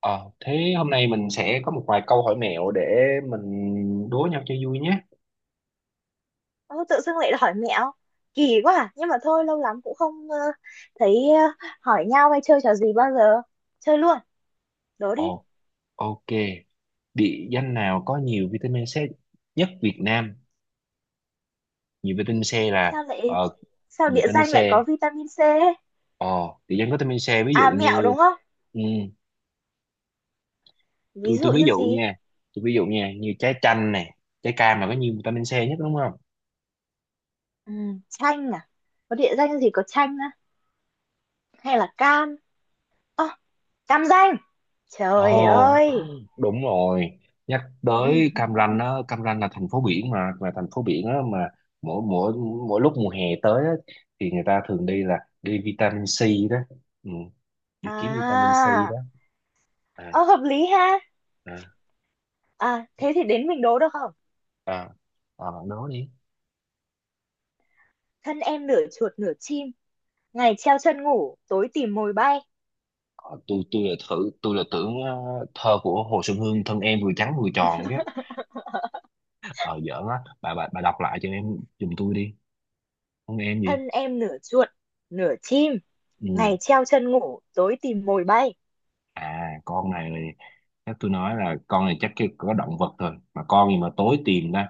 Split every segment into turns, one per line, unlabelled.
Ờ, thế hôm nay mình sẽ có một vài câu hỏi mẹo để mình đố nhau cho vui nhé.
Ô, tự dưng lại hỏi mẹo kỳ quá à. Nhưng mà thôi, lâu lắm cũng không thấy hỏi nhau hay chơi trò gì bao giờ. Chơi luôn, đố đi.
Ồ, ok. Địa danh nào có nhiều vitamin C nhất Việt Nam? Nhiều vitamin C là
sao lại
ờ,
sao
nhiều
địa
vitamin
danh
C.
lại có vitamin C ấy?
ờ Địa danh có vitamin C ví dụ
À, mẹo
như
đúng không?
ừ,
Ví
tôi
dụ
ví
như
dụ
gì?
nha. Tôi ví dụ nha, như trái chanh nè, trái cam là có nhiều vitamin C nhất đúng không?
Ừ, chanh à? Có địa danh gì có chanh á, hay là cam? Ơ, cam danh. Trời
Ồ,
ơi.
Đúng rồi, nhắc
Ừ.
tới Cam Ranh á. Cam Ranh là thành phố biển mà, là thành phố biển á mà mỗi mỗi mỗi lúc mùa hè tới á, thì người ta thường đi là đi vitamin C đó, ừ, đi kiếm vitamin
À
C đó. À
ờ, hợp lý ha.
à
À, thế thì đến mình đố được không?
à. À, nói đi.
Thân em nửa chuột nửa chim, ngày treo chân ngủ tối tìm mồi bay.
Tôi là thử, tôi là tưởng thơ của Hồ Xuân Hương thân em vừa trắng vừa tròn chứ. Ờ Giỡn á, bà đọc lại cho em giùm tôi đi, thân em gì?
Thân em nửa chuột nửa chim,
Ừ.
ngày treo chân ngủ tối tìm mồi bay.
À, con này là chắc tôi nói là con này chắc cái có động vật thôi, mà con gì mà tối tìm ta,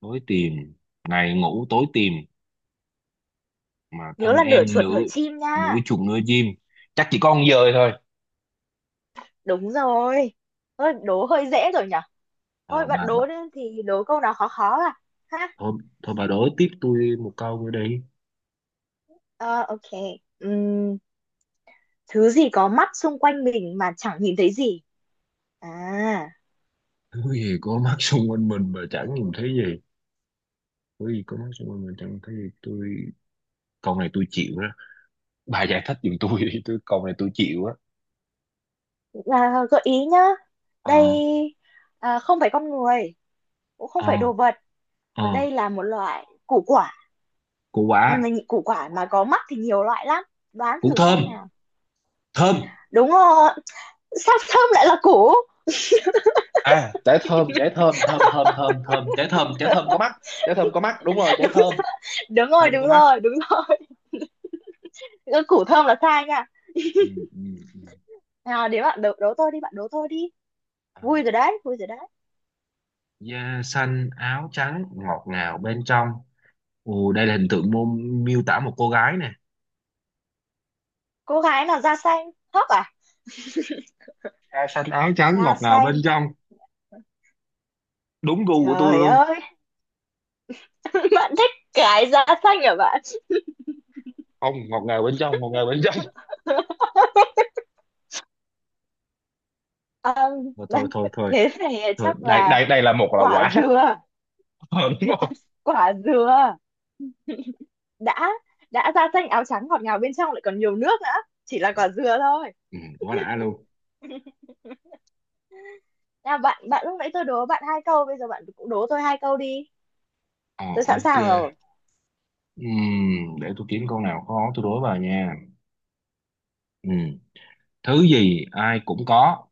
tối tìm, ngày ngủ tối tìm, mà
Nhớ
thân
là nửa
em
chuột
nửa,
nửa chim
nửa
nha.
chuồng nửa chim, chắc chỉ con dơi thôi.
Đúng rồi. Thôi, đố hơi dễ rồi nhở. Thôi,
Ờ,
bạn
bà
đố đi thì đố câu nào khó khó à. Ha.
thôi thôi, bà đối tiếp tôi một câu nữa đi.
Ờ ok Ừm, Thứ gì có mắt xung quanh mình mà chẳng nhìn thấy gì? à,
Thứ gì có mắt xung quanh mình mà chẳng nhìn thấy gì? Thứ gì có mắt xung quanh mình chẳng nhìn thấy gì, tôi câu này tôi chịu đó, bà giải thích giùm tôi đi, tôi câu này tôi chịu á.
à gợi ý nhá. Đây.
Ờ.
À, không phải con người, cũng không
Ờ.
phải đồ vật. Và
Ờ.
đây là một loại
Củ quả.
củ quả mà có mắt thì nhiều loại lắm. Đoán
Củ
thử
thơm.
xem nào.
Thơm.
Đúng rồi. Sao thơm lại là củ?
À, trái thơm, trái thơm, thơm thơm thơm thơm, trái thơm, trái thơm có mắt, trái thơm có mắt, đúng rồi, trái
Đúng,
thơm,
đúng rồi,
thơm
đúng
có mắt.
rồi, đúng rồi. Củ thơm là sai nha.
Ừ, ừ, ừ.
Nào, đến bạn đấu tôi đi, bạn đấu tôi đi.
À,
Vui rồi đấy, vui rồi đấy.
da xanh áo trắng ngọt ngào bên trong. Ồ, đây là hình tượng mô, miêu tả một cô gái nè.
Cô gái nào da xanh thóc à?
Da xanh áo trắng
Da
ngọt ngào bên
xanh?
trong, đúng gu của tôi
Trời
luôn.
ơi. Bạn thích cái da xanh hả bạn?
Không, ngọt ngào bên trong, ngọt ngào bên trong.
Ờm,
Thôi thôi thôi thôi,
Thế này
thôi
chắc
đây
là.
đây đây là một là
Quả
quả
dừa.
Ờ, đúng rồi.
Quả dừa. Đã đã da xanh áo trắng ngọt ngào bên trong, lại còn nhiều nước nữa, chỉ là quả dừa thôi.
Ừ, quá đã luôn.
Nào bạn bạn, lúc nãy tôi đố bạn hai câu, bây giờ bạn cũng đố tôi hai câu đi.
Ờ,
Tôi sẵn
ok.
sàng rồi.
Ừm, để tôi kiếm câu nào khó tôi đối vào nha. Ừ. Thứ gì ai cũng có,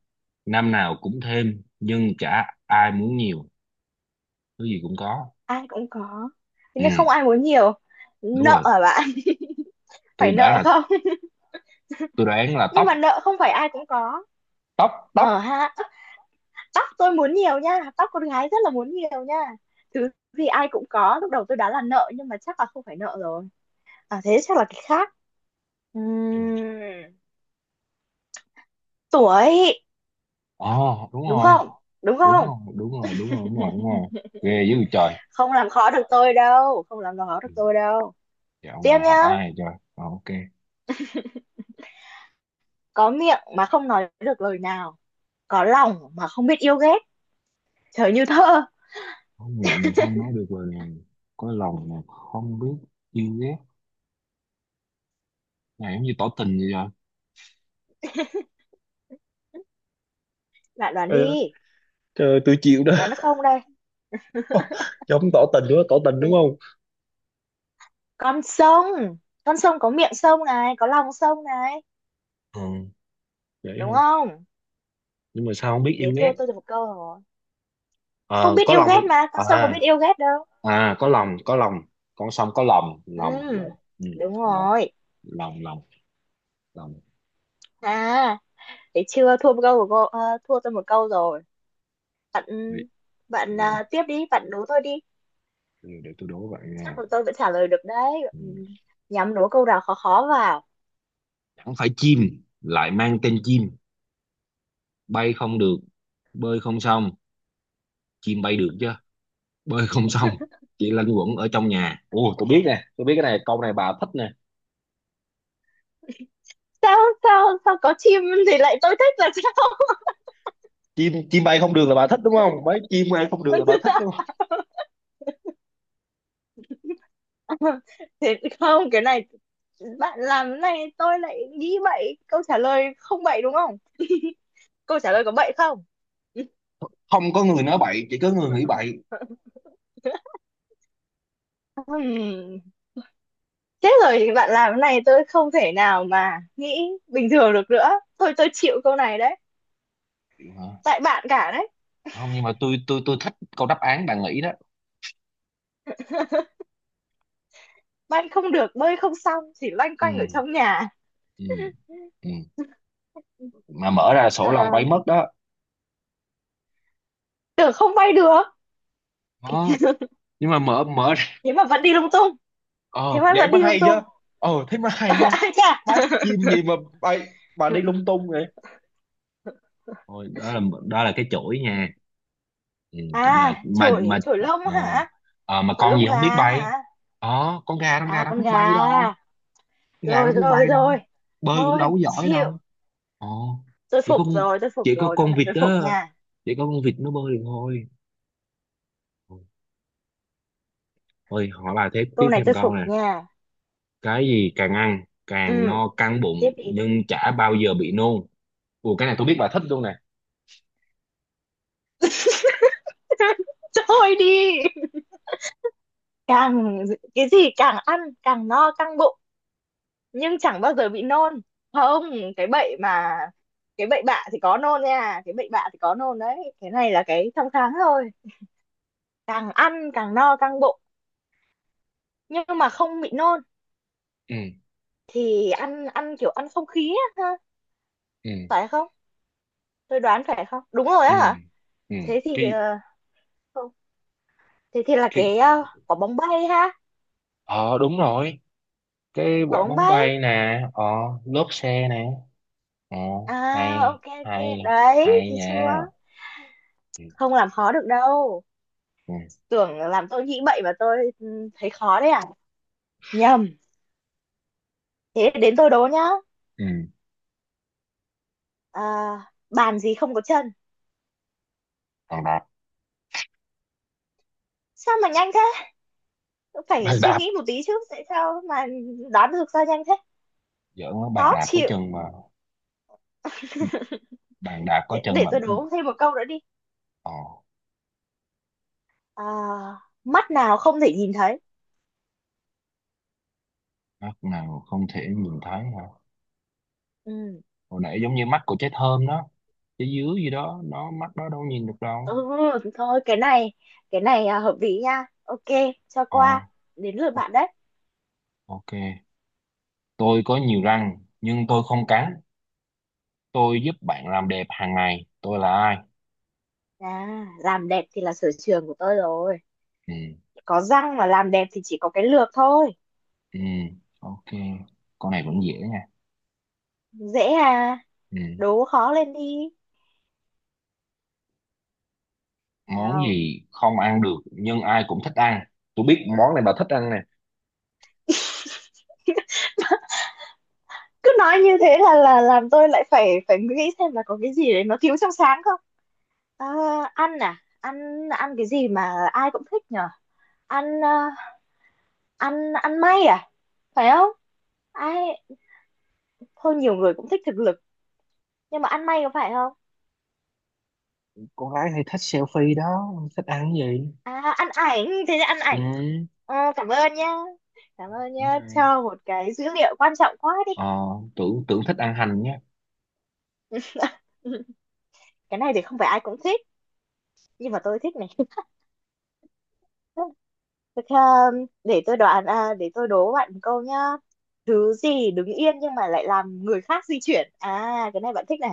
năm nào cũng thêm nhưng chả ai muốn nhiều? Thứ gì cũng có.
Ai cũng có, thế
Ừ,
nhưng không ai muốn nhiều.
đúng
Nợ
rồi.
hả bạn?
Tôi
Phải
đoán
nợ
là,
không?
tôi đoán là
Nhưng mà
tóc.
nợ không phải ai cũng có.
Tóc,
Ờ
tóc.
ha. Tóc tôi muốn nhiều nha, tóc con gái rất là muốn nhiều nha. Thứ gì ai cũng có, lúc đầu tôi đoán là nợ, nhưng mà chắc là không phải nợ rồi. À, thế chắc là cái khác.
Ừ.
Ừm, Tuổi.
Đúng
Đúng
rồi
không, đúng
đúng
không?
rồi đúng rồi đúng rồi đúng rồi đúng rồi, ghê dữ trời.
Không làm khó được tôi đâu, không làm khó được
Ừ,
tôi đâu.
dạo này
Tiếp
học
nhá.
ai trời. Ờ, ok.
Có miệng mà không nói được lời nào, có lòng mà không biết yêu ghét. Trời, như thơ.
Có miệng mà không nói được lời nào, có lòng mà không biết yêu ghét, này giống như tỏ tình vậy trời.
Bạn đoán
Ờ,
đi.
trời, tôi chịu đó.
Đoán được không đây?
Giống tỏ tình đúng không, tỏ tình đúng
Ừ,
không?
con sông. Con sông có miệng sông này, có lòng sông này.
Ừ, vậy
Đúng
thôi,
không?
nhưng mà sao không biết yêu
Thế thua
ghét?
tôi được một câu rồi. Không
Ờ,
biết
có
yêu
lòng.
ghét mà, con
À,
sông có biết yêu ghét đâu.
à có lòng, có lòng, con sông có lòng,
Ừ,
lòng lòng ừ,
đúng
lòng,
rồi.
lòng lòng, lòng.
À, thế chưa thua một câu của cô, thua tôi một câu rồi. bạn
để,
bạn à, tiếp đi, bạn đố tôi đi.
để tôi đố bạn nha.
Chắc là tôi vẫn trả lời được đấy.
Ừ.
Ừ, nhắm đố câu nào khó khó vào.
Không phải chim lại mang tên chim, bay không được, bơi không xong. Chim bay được chứ, bơi không xong, chỉ lanh quẩn ở trong nhà. Ồ, tôi biết nè, tôi biết cái này, câu này bà thích nè.
Sao sao sao có chim thì lại tôi thích là sao?
Chim, chim bay không được là bà thích đúng không, mấy chim bay không được
Tôi
là bà
chưa
thích
sao?
đúng không?
Thế không, cái này bạn làm cái này tôi lại nghĩ bậy. Câu trả lời không bậy đúng không? Câu trả lời có bậy không?
Không có người nói bậy, chỉ có người nghĩ bậy.
Ừm, Thế rồi thì bạn làm cái này tôi không thể nào mà nghĩ bình thường được nữa. Thôi, tôi chịu câu này đấy.
Chịu hả?
Tại bạn cả đấy.
Không nhưng mà tôi thích câu đáp án bạn nghĩ đó.
Bạn không được, bơi không xong, chỉ loanh
Ừ,
quanh ở trong nhà.
ừ, ừ, mà mở ra sổ lòng
À,
bay mất đó.
tưởng không bay được,
Đó, nhưng mà mở mở ra-
thế mà vẫn đi lung tung. Thế
Ờ
mà
vậy
vẫn
mới
đi lung
hay chứ.
tung.
Ờ thế mới hay chứ.
Ai
Má,
chà.
chim gì mà bay bà đi lung tung vậy. Thôi đó là, đó là cái chuỗi nha. Ừ, mà
À,
mà
chổi,
mà
chổi lông
ờ,
hả?
ờ, mà
Chổi
con
lông
gì không biết
gà
bay.
hả?
Ờ con gà, con
À,
gà đâu
con
biết
gà.
bay đâu, con gà đâu
Rồi,
biết bay
rồi,
đâu,
rồi.
bơi cũng đâu
Thôi
có giỏi
chịu.
đâu. Ờ,
Tôi
chỉ
phục
có con,
rồi, tôi phục
chỉ có
rồi, câu
con
này
vịt
tôi
đó,
phục nha,
chỉ có con vịt nó bơi được thôi. Thôi hỏi bà thế,
câu
tiếp
này
thêm
tôi
câu
phục
nè.
nha.
Cái gì càng ăn càng
Ừ,
no căng
tiếp
bụng
đi.
nhưng chả bao giờ bị nôn? Ủa cái này tôi biết bà thích luôn nè.
Thôi đi. càng cái gì càng ăn càng no căng bụng nhưng chẳng bao giờ bị nôn? Không, cái bệnh mà cái bệnh bạ thì có nôn nha, cái bệnh bạ thì có nôn đấy, cái này là cái trong tháng thôi. Càng ăn càng no căng bụng nhưng mà không bị nôn?
Ừ,
Thì ăn ăn kiểu ăn không khí á ha.
ừ,
Phải không? Tôi đoán phải không, đúng rồi
ừ,
á hả?
ừ,
Thế thì
cái,
không, thế thì là
cái.
cái quả bóng bay ha.
Ờ đúng rồi, cái
Quả
quả
bóng
bóng
bay.
bay nè, ờ lốp xe nè. Ờ,
À,
hay.
ok, ok.
Hay
Đấy
hay
thấy chưa?
nha. Ừ.
Không làm khó được đâu.
Ừ.
Tưởng làm tôi nghĩ bậy mà tôi thấy khó đấy à? Nhầm. Thế đến tôi đố nhá.
Ừ.
À, bàn gì không có chân?
Bàn đạp.
Sao mà nhanh thế? Phải
Bàn
suy
đạp.
nghĩ một tí chứ, tại sao mà? Đoán được sao nhanh thế?
Giỡn nó bàn
Khó
đạp có
chịu.
chân mà, bàn đạp có
để,
chân
để
mà.
tôi
Ừ.
đố thêm một câu nữa đi.
Ờ.
À, mắt nào không thể nhìn thấy?
Mắt nào không thể nhìn thấy hả?
Ừ.
Hồi nãy giống như mắt của trái thơm đó, trái dứa gì đó nó mắt đó đâu nhìn được
Ừ,
đâu.
thôi cái này. Cái này à, hợp lý nha, ok cho
Ờ,
qua. Đến lượt bạn đấy.
ok. Tôi có nhiều răng nhưng tôi không cắn, tôi giúp bạn làm đẹp hàng ngày, tôi là ai?
À, làm đẹp thì là sở trường của tôi rồi.
Ừ.
Có răng mà làm đẹp thì chỉ có cái lược thôi.
Ừ, ok, con này vẫn dễ nha.
Dễ à?
Ừ.
Đố khó lên đi.
Món
Nào.
gì không ăn được nhưng ai cũng thích ăn? Tôi biết món này bà thích ăn nè.
Cứ nói như thế là làm tôi lại phải phải nghĩ xem là có cái gì đấy nó thiếu trong sáng không? À, ăn à, ăn ăn cái gì mà ai cũng thích nhở? Ăn à, ăn ăn may à? Phải không? Ai, thôi nhiều người cũng thích thực lực, nhưng mà ăn may có phải không?
Con gái hay thích selfie đó thích ăn cái gì?
À, ăn ảnh, thế thì ăn
Ừ,
ảnh. Ờ, cảm ơn nhá. Cảm ơn
đúng
nhá,
rồi.
cho một cái dữ liệu quan trọng quá đi.
Ờ, tưởng tưởng thích ăn hành nhé.
Cái này thì không phải ai cũng thích, nhưng mà tôi thích này. Thế để tôi đố bạn một câu nhá. Thứ gì đứng yên nhưng mà lại làm người khác di chuyển? À, cái này bạn thích này.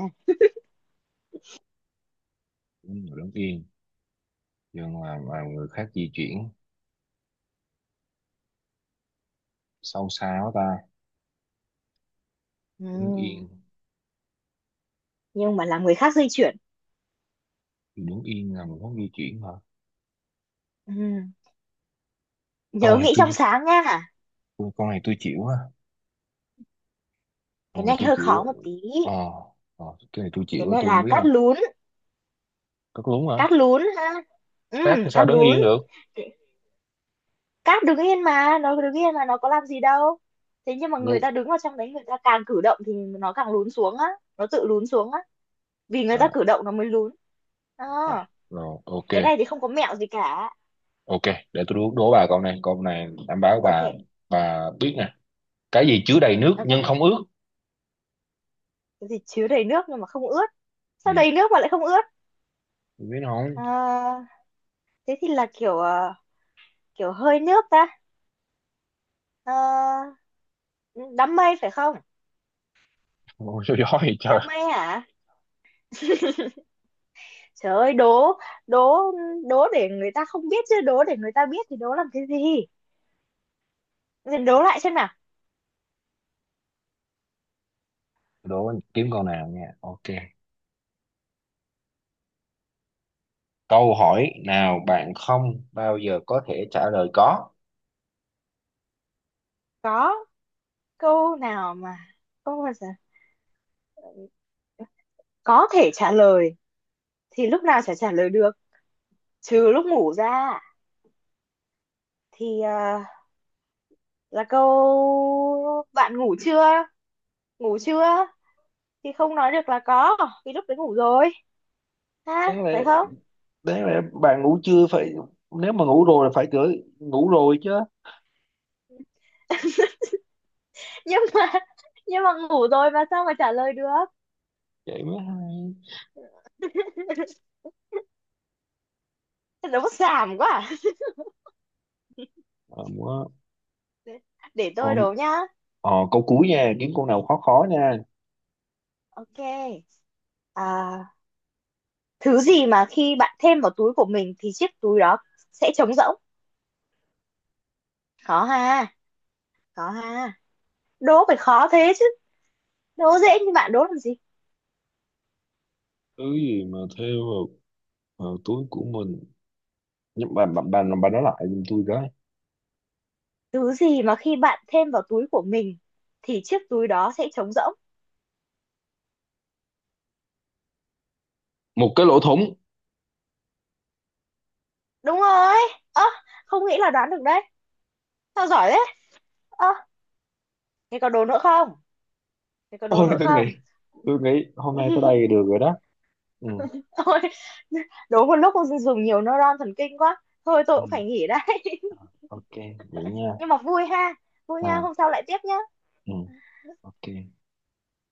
Đúng rồi, đứng yên nhưng mà người khác di chuyển, sâu xa quá ta. Đứng yên,
Ừm, nhưng mà làm người khác di chuyển.
thì đứng yên là một hướng di chuyển hả?
Ừm,
Con
Nhớ
này
nghĩ trong
tôi,
sáng nha.
con này tôi chịu á,
Cái
con này
này
tôi
hơi
chịu
khó
á.
một tí.
Ờ. Ờ, cái này tôi
Cái
chịu á,
này
tôi không
là
biết đâu. Có đúng hả?
cát lún ha.
Cát thì sao
Cát
đứng
lún.
yên được?
Cát đứng yên, mà nó đứng yên mà nó có làm gì đâu. Thế nhưng mà người
Nhưng.
ta đứng vào trong đấy, người ta càng cử động thì nó càng lún xuống á. Nó tự lún xuống á. Vì người ta
À,
cử động nó mới lún. Ờ,
à rồi ok.
cái này thì không có mẹo gì cả.
Ok, để tôi đố, đố bà câu này, câu này đảm bảo bà
Ok,
bà biết nè. Cái gì chứa đầy nước nhưng
ok.
không ướt?
Cái gì chứa đầy nước nhưng mà không ướt? Sao
Ừ.
đầy nước mà lại không ướt?
Tôi biết không.
Ờ, thế thì là kiểu hơi nước ta. Ờ, đám mây phải không?
Ôi, sao gió vậy trời.
Đám mây hả? Trời ơi, đố, đố, đố để người ta không biết chứ, đố để người ta biết thì đố làm cái gì? Đố lại xem nào.
Đố kiếm câu nào nha, ok. Câu hỏi nào bạn không bao giờ có thể trả lời có?
Có câu nào mà không bao giờ có thể trả lời? Thì lúc nào chả trả lời được, trừ lúc ngủ ra, thì là câu bạn ngủ chưa? Ngủ chưa? Thì không nói được là có, vì lúc đấy ngủ rồi, ha
Đáng
phải
lẽ
không?
đấy mà bạn ngủ chưa phải, nếu mà ngủ rồi là phải gửi ngủ rồi chứ.
nhưng mà nhưng mà ngủ rồi mà sao mà trả lời được?
Vậy mới hay.
Đố xàm quá à.
Ờ, quá.
Để
Ồ,
tôi đố nhá.
ờ, câu cuối nha, kiếm câu nào khó khó nha.
Ok. À, thứ gì mà khi bạn thêm vào túi của mình thì chiếc túi đó sẽ trống rỗng? Có ha, có ha? Đố phải khó thế chứ, đố dễ như bạn đố làm gì.
Thứ gì mà theo vào, vào túi của mình, nhưng bà nói lại giùm tôi cái.
Thứ gì mà khi bạn thêm vào túi của mình thì chiếc túi đó sẽ trống rỗng?
Một cái lỗ thủng.
Đúng rồi. Ơ, không nghĩ là đoán được đấy. Sao giỏi thế? Ơ, thế có đố nữa không, thế có đố
Ôi
nữa
tôi
không?
nghĩ, tôi nghĩ hôm nay tới đây được rồi đó. Ừ.
Thôi, đố một lúc không dùng nhiều neuron thần kinh quá, thôi tôi
Ừ,
cũng phải nghỉ đây.
ok, vậy nha.
Nhưng mà vui ha. Vui nha,
À,
hôm sau lại tiếp nhá.
ừ, ok.